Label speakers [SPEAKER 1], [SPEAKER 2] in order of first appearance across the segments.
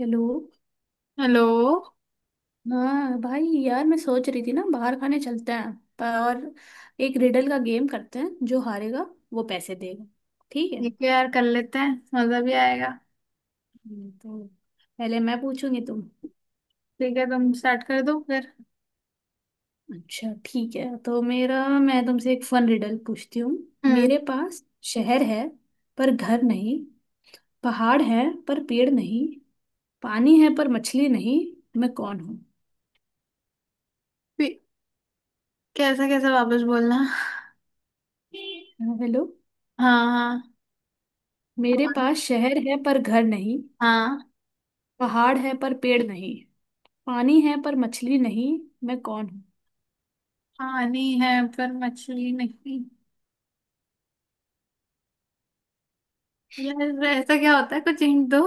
[SPEAKER 1] Hello.
[SPEAKER 2] Hello.
[SPEAKER 1] हाँ भाई यार, मैं सोच रही थी ना, बाहर खाने चलते हैं। पर और एक रिडल का गेम करते हैं, जो हारेगा वो पैसे देगा, ठीक है।
[SPEAKER 2] ठीक है यार, कर लेते हैं। मजा भी आएगा।
[SPEAKER 1] तो पहले मैं पूछूंगी, तुम।
[SPEAKER 2] ठीक है, तुम स्टार्ट कर दो फिर।
[SPEAKER 1] अच्छा, ठीक है, तो मेरा मैं तुमसे एक फन रिडल पूछती हूँ।
[SPEAKER 2] हम्म।
[SPEAKER 1] मेरे पास शहर है पर घर नहीं। पहाड़ है पर पेड़ नहीं। पानी है पर मछली नहीं। मैं कौन हूँ?
[SPEAKER 2] फिर- कैसा कैसा वापस बोलना।
[SPEAKER 1] हाँ, हेलो।
[SPEAKER 2] हाँ हाँ
[SPEAKER 1] मेरे पास शहर है पर घर नहीं।
[SPEAKER 2] हाँ।
[SPEAKER 1] पहाड़ है पर पेड़ नहीं। पानी है पर मछली नहीं। मैं कौन हूँ?
[SPEAKER 2] पानी है पर मछली नहीं। यार ऐसा क्या होता है, कुछ हिंट दो।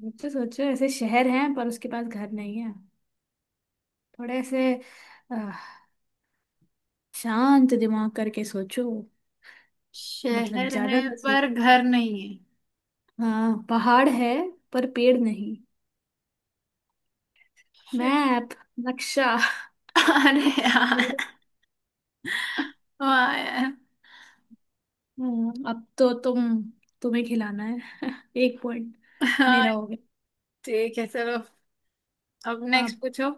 [SPEAKER 1] मुझसे सोचो, ऐसे शहर है पर उसके पास घर नहीं है। थोड़े ऐसे। आह, शांत दिमाग करके सोचो। मतलब
[SPEAKER 2] शहर
[SPEAKER 1] ज्यादा
[SPEAKER 2] है
[SPEAKER 1] ना
[SPEAKER 2] पर
[SPEAKER 1] सोचो।
[SPEAKER 2] घर नहीं है।
[SPEAKER 1] हाँ, पहाड़ है पर पेड़ नहीं।
[SPEAKER 2] शे-
[SPEAKER 1] मैप। नक्शा।
[SPEAKER 2] अरे यार, वाह यार।
[SPEAKER 1] अब तो तुम तुम्हें खिलाना है, एक पॉइंट मेरा
[SPEAKER 2] हाँ
[SPEAKER 1] हो गया।
[SPEAKER 2] ठीक है चलो, अब
[SPEAKER 1] अब
[SPEAKER 2] नेक्स्ट पूछो।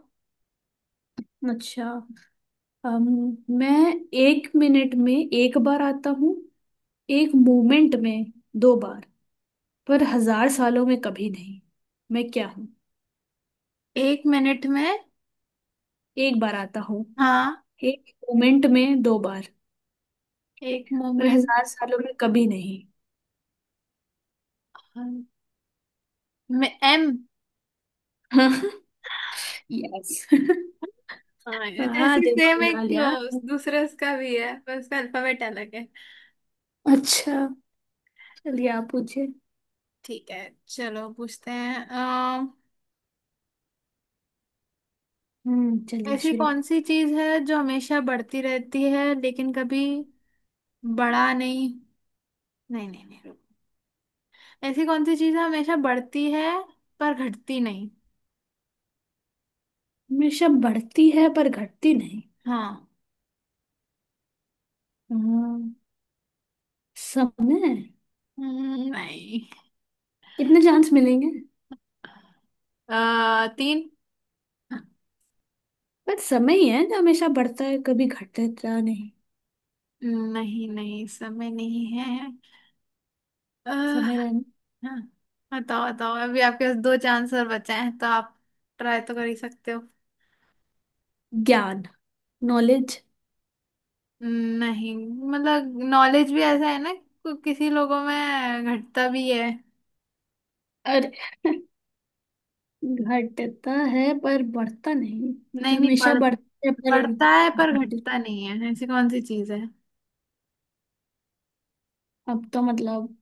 [SPEAKER 1] अच्छा, मैं एक मिनट में एक बार आता हूँ, एक मोमेंट में दो बार, पर हजार सालों में कभी नहीं। मैं क्या हूँ?
[SPEAKER 2] एक मिनट में।
[SPEAKER 1] एक बार आता हूँ,
[SPEAKER 2] हाँ।
[SPEAKER 1] एक मोमेंट में दो बार,
[SPEAKER 2] एक
[SPEAKER 1] पर
[SPEAKER 2] मोमेंट
[SPEAKER 1] हजार सालों में कभी नहीं।
[SPEAKER 2] में एम।
[SPEAKER 1] यस।
[SPEAKER 2] हाँ
[SPEAKER 1] हाँ,
[SPEAKER 2] ऐसी सेम
[SPEAKER 1] दिमाग लगा
[SPEAKER 2] एक
[SPEAKER 1] लिया।
[SPEAKER 2] दूसरे उसका भी है पर उसका अल्फाबेट अलग है।
[SPEAKER 1] अच्छा, चलिए आप पूछिए।
[SPEAKER 2] ठीक है, चलो पूछते हैं
[SPEAKER 1] चलिए
[SPEAKER 2] ऐसी
[SPEAKER 1] शुरू।
[SPEAKER 2] कौन सी चीज है जो हमेशा बढ़ती रहती है लेकिन कभी बड़ा नहीं। नहीं नहीं नहीं रुक। ऐसी कौन सी चीज है हमेशा बढ़ती है पर घटती नहीं।
[SPEAKER 1] हमेशा बढ़ती है पर घटती नहीं।
[SPEAKER 2] हाँ।
[SPEAKER 1] हम्म, समय।
[SPEAKER 2] नहीं।
[SPEAKER 1] कितने चांस मिलेंगे?
[SPEAKER 2] तीन।
[SPEAKER 1] पर समय ही है जो हमेशा बढ़ता है, कभी घटता नहीं।
[SPEAKER 2] नहीं नहीं समय नहीं है। अ,
[SPEAKER 1] समय रहना।
[SPEAKER 2] हाँ, बताओ बताओ, अभी आपके पास दो चांस और बचे हैं तो आप ट्राई तो कर ही सकते हो।
[SPEAKER 1] ज्ञान। नॉलेज।
[SPEAKER 2] नहीं, मतलब नॉलेज भी ऐसा है ना कि किसी लोगों में घटता भी है।
[SPEAKER 1] अरे! घटता है पर बढ़ता नहीं। जो
[SPEAKER 2] नहीं नहीं
[SPEAKER 1] हमेशा
[SPEAKER 2] बढ़
[SPEAKER 1] बढ़ता है पर
[SPEAKER 2] बढ़ता है पर
[SPEAKER 1] घट।
[SPEAKER 2] घटता नहीं है, ऐसी कौन सी चीज है।
[SPEAKER 1] अब तो मतलब,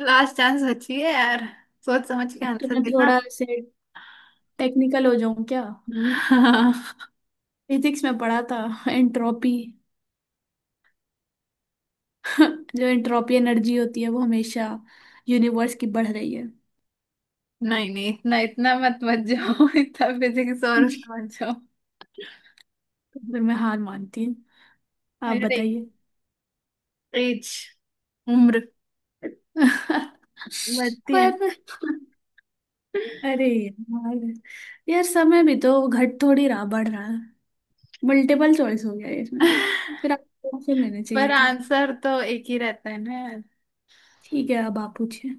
[SPEAKER 2] लास्ट चांस बची है यार, सोच समझ के
[SPEAKER 1] अब तो
[SPEAKER 2] आंसर
[SPEAKER 1] मैं
[SPEAKER 2] देना।
[SPEAKER 1] थोड़ा से टेक्निकल हो जाऊं क्या? फिजिक्स में पढ़ा था, एंट्रोपी। जो एंट्रोपी एनर्जी होती है वो हमेशा यूनिवर्स की बढ़ रही है।
[SPEAKER 2] नहीं नहीं, इतना इतना मत मत जाओ। इतना फिजिक्स और उसमें मत जाओ।
[SPEAKER 1] तो फिर मैं हार मानती हूँ, आप
[SPEAKER 2] अरे
[SPEAKER 1] बताइए।
[SPEAKER 2] एज, उम्र बढ़ती है ना।
[SPEAKER 1] पर अरे यार, यार समय भी तो घट थोड़ी रहा, बढ़ रहा है। मल्टीपल चॉइस हो गया ये इसमें। फिर आपको ऑप्शन देने
[SPEAKER 2] पर
[SPEAKER 1] चाहिए थे।
[SPEAKER 2] आंसर तो एक ही रहता है ना यार।
[SPEAKER 1] ठीक है, अब आप पूछिए।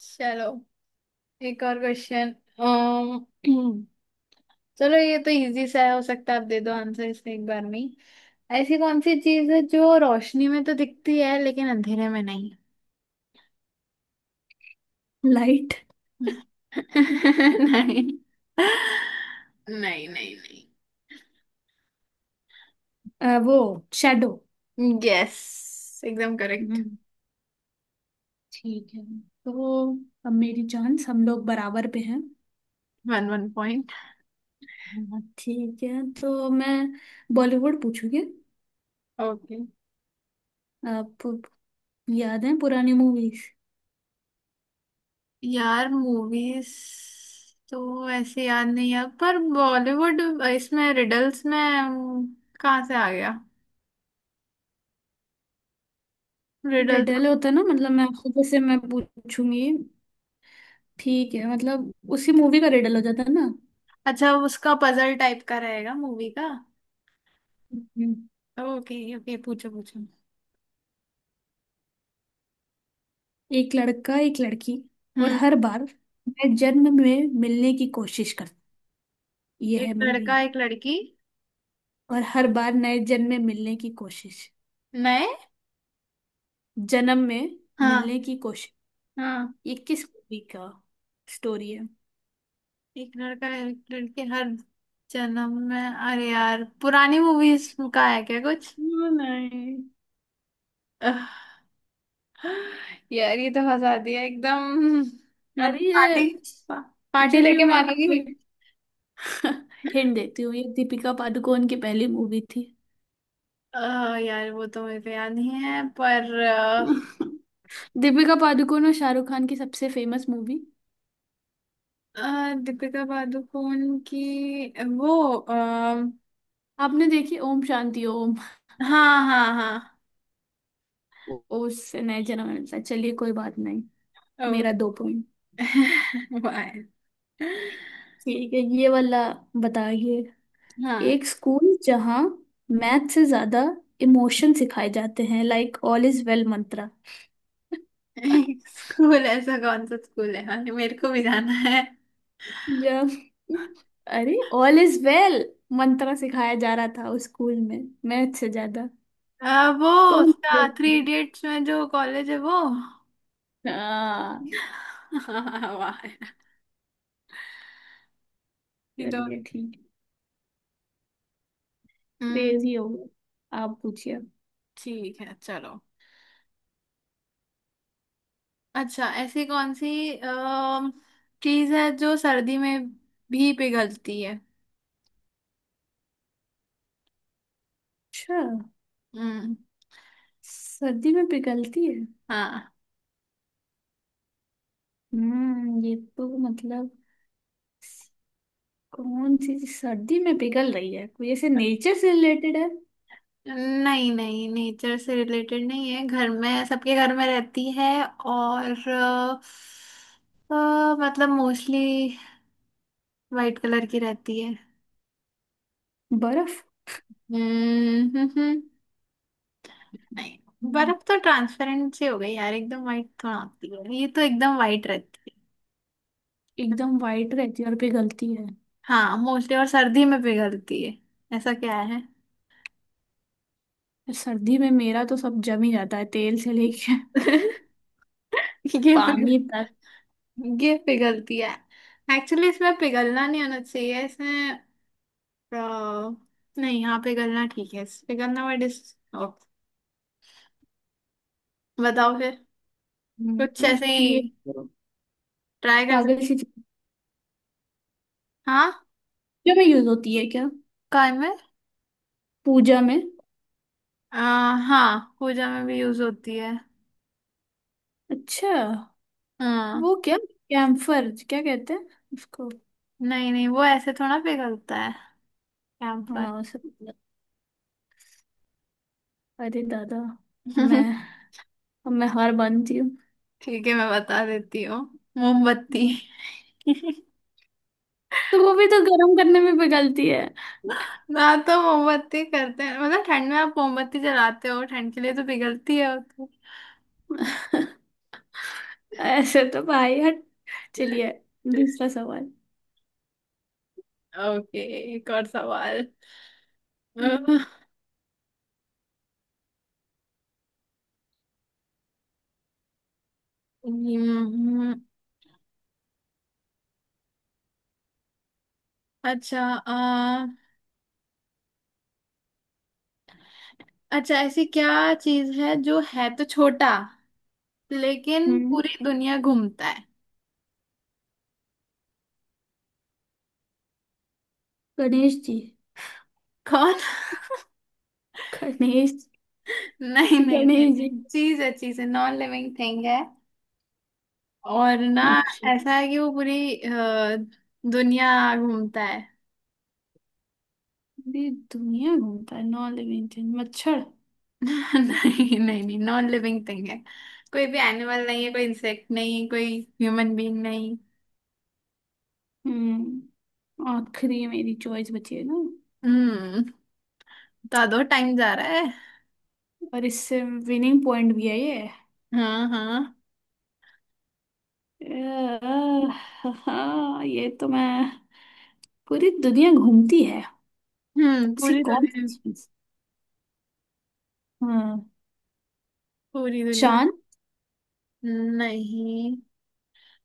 [SPEAKER 2] चलो एक और क्वेश्चन। चलो ये तो इजी सा है, हो सकता है आप दे दो आंसर इसमें एक बार में ही। ऐसी कौन सी चीज है जो रोशनी में तो दिखती है लेकिन अंधेरे में नहीं।
[SPEAKER 1] लाइट।
[SPEAKER 2] नहीं नहीं नहीं नहीं।
[SPEAKER 1] वो शेडो।
[SPEAKER 2] यस एकदम करेक्ट।
[SPEAKER 1] हम्म, ठीक है, तो अब मेरी चांस, हम लोग बराबर पे हैं।
[SPEAKER 2] One one point.
[SPEAKER 1] हाँ, ठीक है, तो मैं बॉलीवुड पूछूंगी।
[SPEAKER 2] ओके।
[SPEAKER 1] आपको याद है पुरानी मूवीज?
[SPEAKER 2] यार मूवीज तो ऐसे याद नहीं है, पर बॉलीवुड इसमें रिडल्स में कहाँ से आ गया, रिडल तो।
[SPEAKER 1] रिडल होता है ना, मतलब मैं आपको जैसे मैं पूछूंगी, ठीक है मतलब, उसी मूवी का रिडल हो जाता है।
[SPEAKER 2] अच्छा, उसका पजल टाइप का रहेगा मूवी का।
[SPEAKER 1] ना।
[SPEAKER 2] ओके ओके, पूछो पूछो।
[SPEAKER 1] एक लड़का एक लड़की, और
[SPEAKER 2] हम्म।
[SPEAKER 1] हर बार नए जन्म में मिलने की कोशिश कर। ये
[SPEAKER 2] एक
[SPEAKER 1] है मूवी।
[SPEAKER 2] लड़का एक लड़की,
[SPEAKER 1] और हर बार नए जन्म में मिलने की कोशिश।
[SPEAKER 2] नए।
[SPEAKER 1] जन्म में
[SPEAKER 2] हाँ।
[SPEAKER 1] मिलने की कोशिश।
[SPEAKER 2] हाँ
[SPEAKER 1] ये किस मूवी का स्टोरी है?
[SPEAKER 2] एक लड़का एक लड़की हर जन्म में, अरे यार पुरानी मूवीज का है क्या कुछ।
[SPEAKER 1] नहीं नहीं।
[SPEAKER 2] अह, यार ये तो फंसा दिया एकदम, मतलब
[SPEAKER 1] अरे
[SPEAKER 2] पार्टी,
[SPEAKER 1] ये,
[SPEAKER 2] पा, पार्टी
[SPEAKER 1] चलिए
[SPEAKER 2] लेके
[SPEAKER 1] मैं आपको
[SPEAKER 2] मानोगी।
[SPEAKER 1] एक हिंट देती हूँ, ये दीपिका पादुकोण की पहली मूवी थी।
[SPEAKER 2] अ, यार वो तो मेरे को याद नहीं है पर
[SPEAKER 1] दीपिका पादुकोण और शाहरुख खान की सबसे फेमस मूवी।
[SPEAKER 2] दीपिका पादुकोण की वो
[SPEAKER 1] आपने देखी ओम शांति ओम?
[SPEAKER 2] हाँ हाँ हाँ।
[SPEAKER 1] ओ, उससे नहीं जना मैंने पूछा। चलिए कोई बात नहीं।
[SPEAKER 2] ओ,
[SPEAKER 1] मेरा दो पॉइंट।
[SPEAKER 2] वाह।
[SPEAKER 1] ठीक है, ये वाला बताइए।
[SPEAKER 2] हाँ।
[SPEAKER 1] एक स्कूल जहाँ मैथ से ज्यादा इमोशन सिखाए जाते हैं, like all is well mantra.
[SPEAKER 2] School, ऐसा कौन सा स्कूल है, हाँ मेरे को भी जाना है।
[SPEAKER 1] जब, अरे ऑल इज वेल मंत्रा सिखाया जा रहा था उस स्कूल में मैथ से ज्यादा।
[SPEAKER 2] वो
[SPEAKER 1] कौन
[SPEAKER 2] उसका थ्री
[SPEAKER 1] crazy?
[SPEAKER 2] इडियट्स में जो कॉलेज है वो।
[SPEAKER 1] हाँ,
[SPEAKER 2] हाँ, वाह, ये तो।
[SPEAKER 1] चलिए ठीक।
[SPEAKER 2] हम्म।
[SPEAKER 1] क्रेजी हो गया, आप पूछिए।
[SPEAKER 2] ठीक है चलो। अच्छा ऐसी कौन सी चीज है जो सर्दी में भी पिघलती है।
[SPEAKER 1] अच्छा,
[SPEAKER 2] हम्म।
[SPEAKER 1] सर्दी में पिघलती है।
[SPEAKER 2] हाँ।
[SPEAKER 1] ये तो मतलब, कौन सी चीज़ सर्दी में पिघल रही है? कोई ऐसे नेचर से रिलेटेड है?
[SPEAKER 2] नहीं नहीं नेचर से रिलेटेड नहीं है, घर में, सबके घर में रहती है। और मतलब मोस्टली वाइट कलर की रहती है।
[SPEAKER 1] बर्फ।
[SPEAKER 2] हम्म हम्म, हम्म। नहीं,
[SPEAKER 1] हम्म,
[SPEAKER 2] बर्फ तो ट्रांसपेरेंट सी हो गई यार, एकदम वाइट थोड़ा होती है, ये तो एकदम वाइट रहती है।
[SPEAKER 1] एकदम वाइट रहती है और पिघलती है?
[SPEAKER 2] हाँ मोस्टली, और सर्दी में पिघलती है, ऐसा क्या है।
[SPEAKER 1] यार, सर्दी में मेरा तो सब जम ही जाता है, तेल से लेके
[SPEAKER 2] ये पिघल,
[SPEAKER 1] पानी तक।
[SPEAKER 2] ये पिघलती है, एक्चुअली इसमें पिघलना नहीं होना चाहिए इसमें अ, नहीं हाँ पिघलना ठीक है, पिघलना वर्ड इस बताओ फिर, कुछ ऐसे
[SPEAKER 1] ये
[SPEAKER 2] ही ट्राई कर सकते।
[SPEAKER 1] पागल सी चीज
[SPEAKER 2] हाँ।
[SPEAKER 1] पूजा में यूज होती है क्या?
[SPEAKER 2] काय में।
[SPEAKER 1] पूजा में?
[SPEAKER 2] आ, हाँ पूजा में भी यूज होती है।
[SPEAKER 1] अच्छा,
[SPEAKER 2] हाँ।
[SPEAKER 1] वो क्या कैम्फर क्या कहते हैं उसको?
[SPEAKER 2] नहीं नहीं, वो ऐसे थोड़ा पिघलता है। कैंपर।
[SPEAKER 1] हाँ सब। अरे दादा! मैं अब मैं हार मानती हूँ।
[SPEAKER 2] ठीक है मैं बता देती हूँ, मोमबत्ती।
[SPEAKER 1] तो वो भी तो गर्म करने में पिघलती है।
[SPEAKER 2] ना तो मोमबत्ती करते हैं मतलब, ठंड में आप मोमबत्ती जलाते हो ठंड के लिए, तो पिघलती है वो तो।
[SPEAKER 1] ऐसे तो भाई हट। चलिए दूसरा सवाल।
[SPEAKER 2] ओके, एक और सवाल।
[SPEAKER 1] हम्म,
[SPEAKER 2] हम्म, अच्छा अच्छा ऐसी क्या चीज है जो है तो छोटा लेकिन
[SPEAKER 1] हम्म।
[SPEAKER 2] पूरी दुनिया घूमता है।
[SPEAKER 1] गणेश जी।
[SPEAKER 2] कौन।
[SPEAKER 1] गणेश।
[SPEAKER 2] नहीं नहीं नहीं,
[SPEAKER 1] गणेश जी।
[SPEAKER 2] नहीं चीज है, चीज है, नॉन लिविंग थिंग है। और ना,
[SPEAKER 1] अच्छा।
[SPEAKER 2] ऐसा है कि वो पूरी दुनिया घूमता है।
[SPEAKER 1] पूरी दुनिया घूमता है? नौ लिविंग थिंग, मच्छर।
[SPEAKER 2] नहीं नहीं नहीं, नॉन लिविंग थिंग है, कोई भी एनिमल नहीं है, कोई इंसेक्ट नहीं, कोई ह्यूमन बीइंग नहीं।
[SPEAKER 1] आखिरी मेरी चॉइस बची है ना?
[SPEAKER 2] हम्म। तो दो टाइम जा रहा है।
[SPEAKER 1] और इससे विनिंग पॉइंट भी है ये।
[SPEAKER 2] हाँ हाँ।
[SPEAKER 1] अह, हाँ ये तो मैं, पूरी दुनिया घूमती है। ऐसी
[SPEAKER 2] पूरी
[SPEAKER 1] कौन
[SPEAKER 2] दुनिया।
[SPEAKER 1] सी चीज? हाँ।
[SPEAKER 2] पूरी दुनिया।
[SPEAKER 1] चांद।
[SPEAKER 2] नहीं,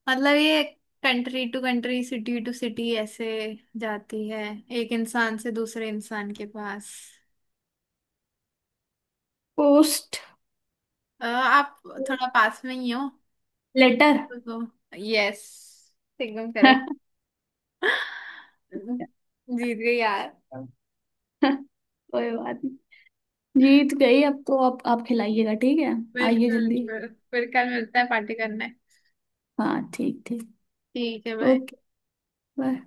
[SPEAKER 2] मतलब ये country to country, city to city ऐसे जाती है, एक इंसान से दूसरे इंसान के पास।
[SPEAKER 1] पोस्ट।
[SPEAKER 2] आप थोड़ा पास में ही हो
[SPEAKER 1] लेटर।
[SPEAKER 2] तो। यस एकदम करेक्ट। जीत गई यार।
[SPEAKER 1] कोई बात नहीं। जीत गई, अब तो आप खिलाइएगा, ठीक है। आइए
[SPEAKER 2] बिल्कुल
[SPEAKER 1] जल्दी।
[SPEAKER 2] बिल्कुल। फिर कल मिलता है पार्टी करने।
[SPEAKER 1] हाँ ठीक ठीक।
[SPEAKER 2] ठीक है भाई।
[SPEAKER 1] ओके। बाय।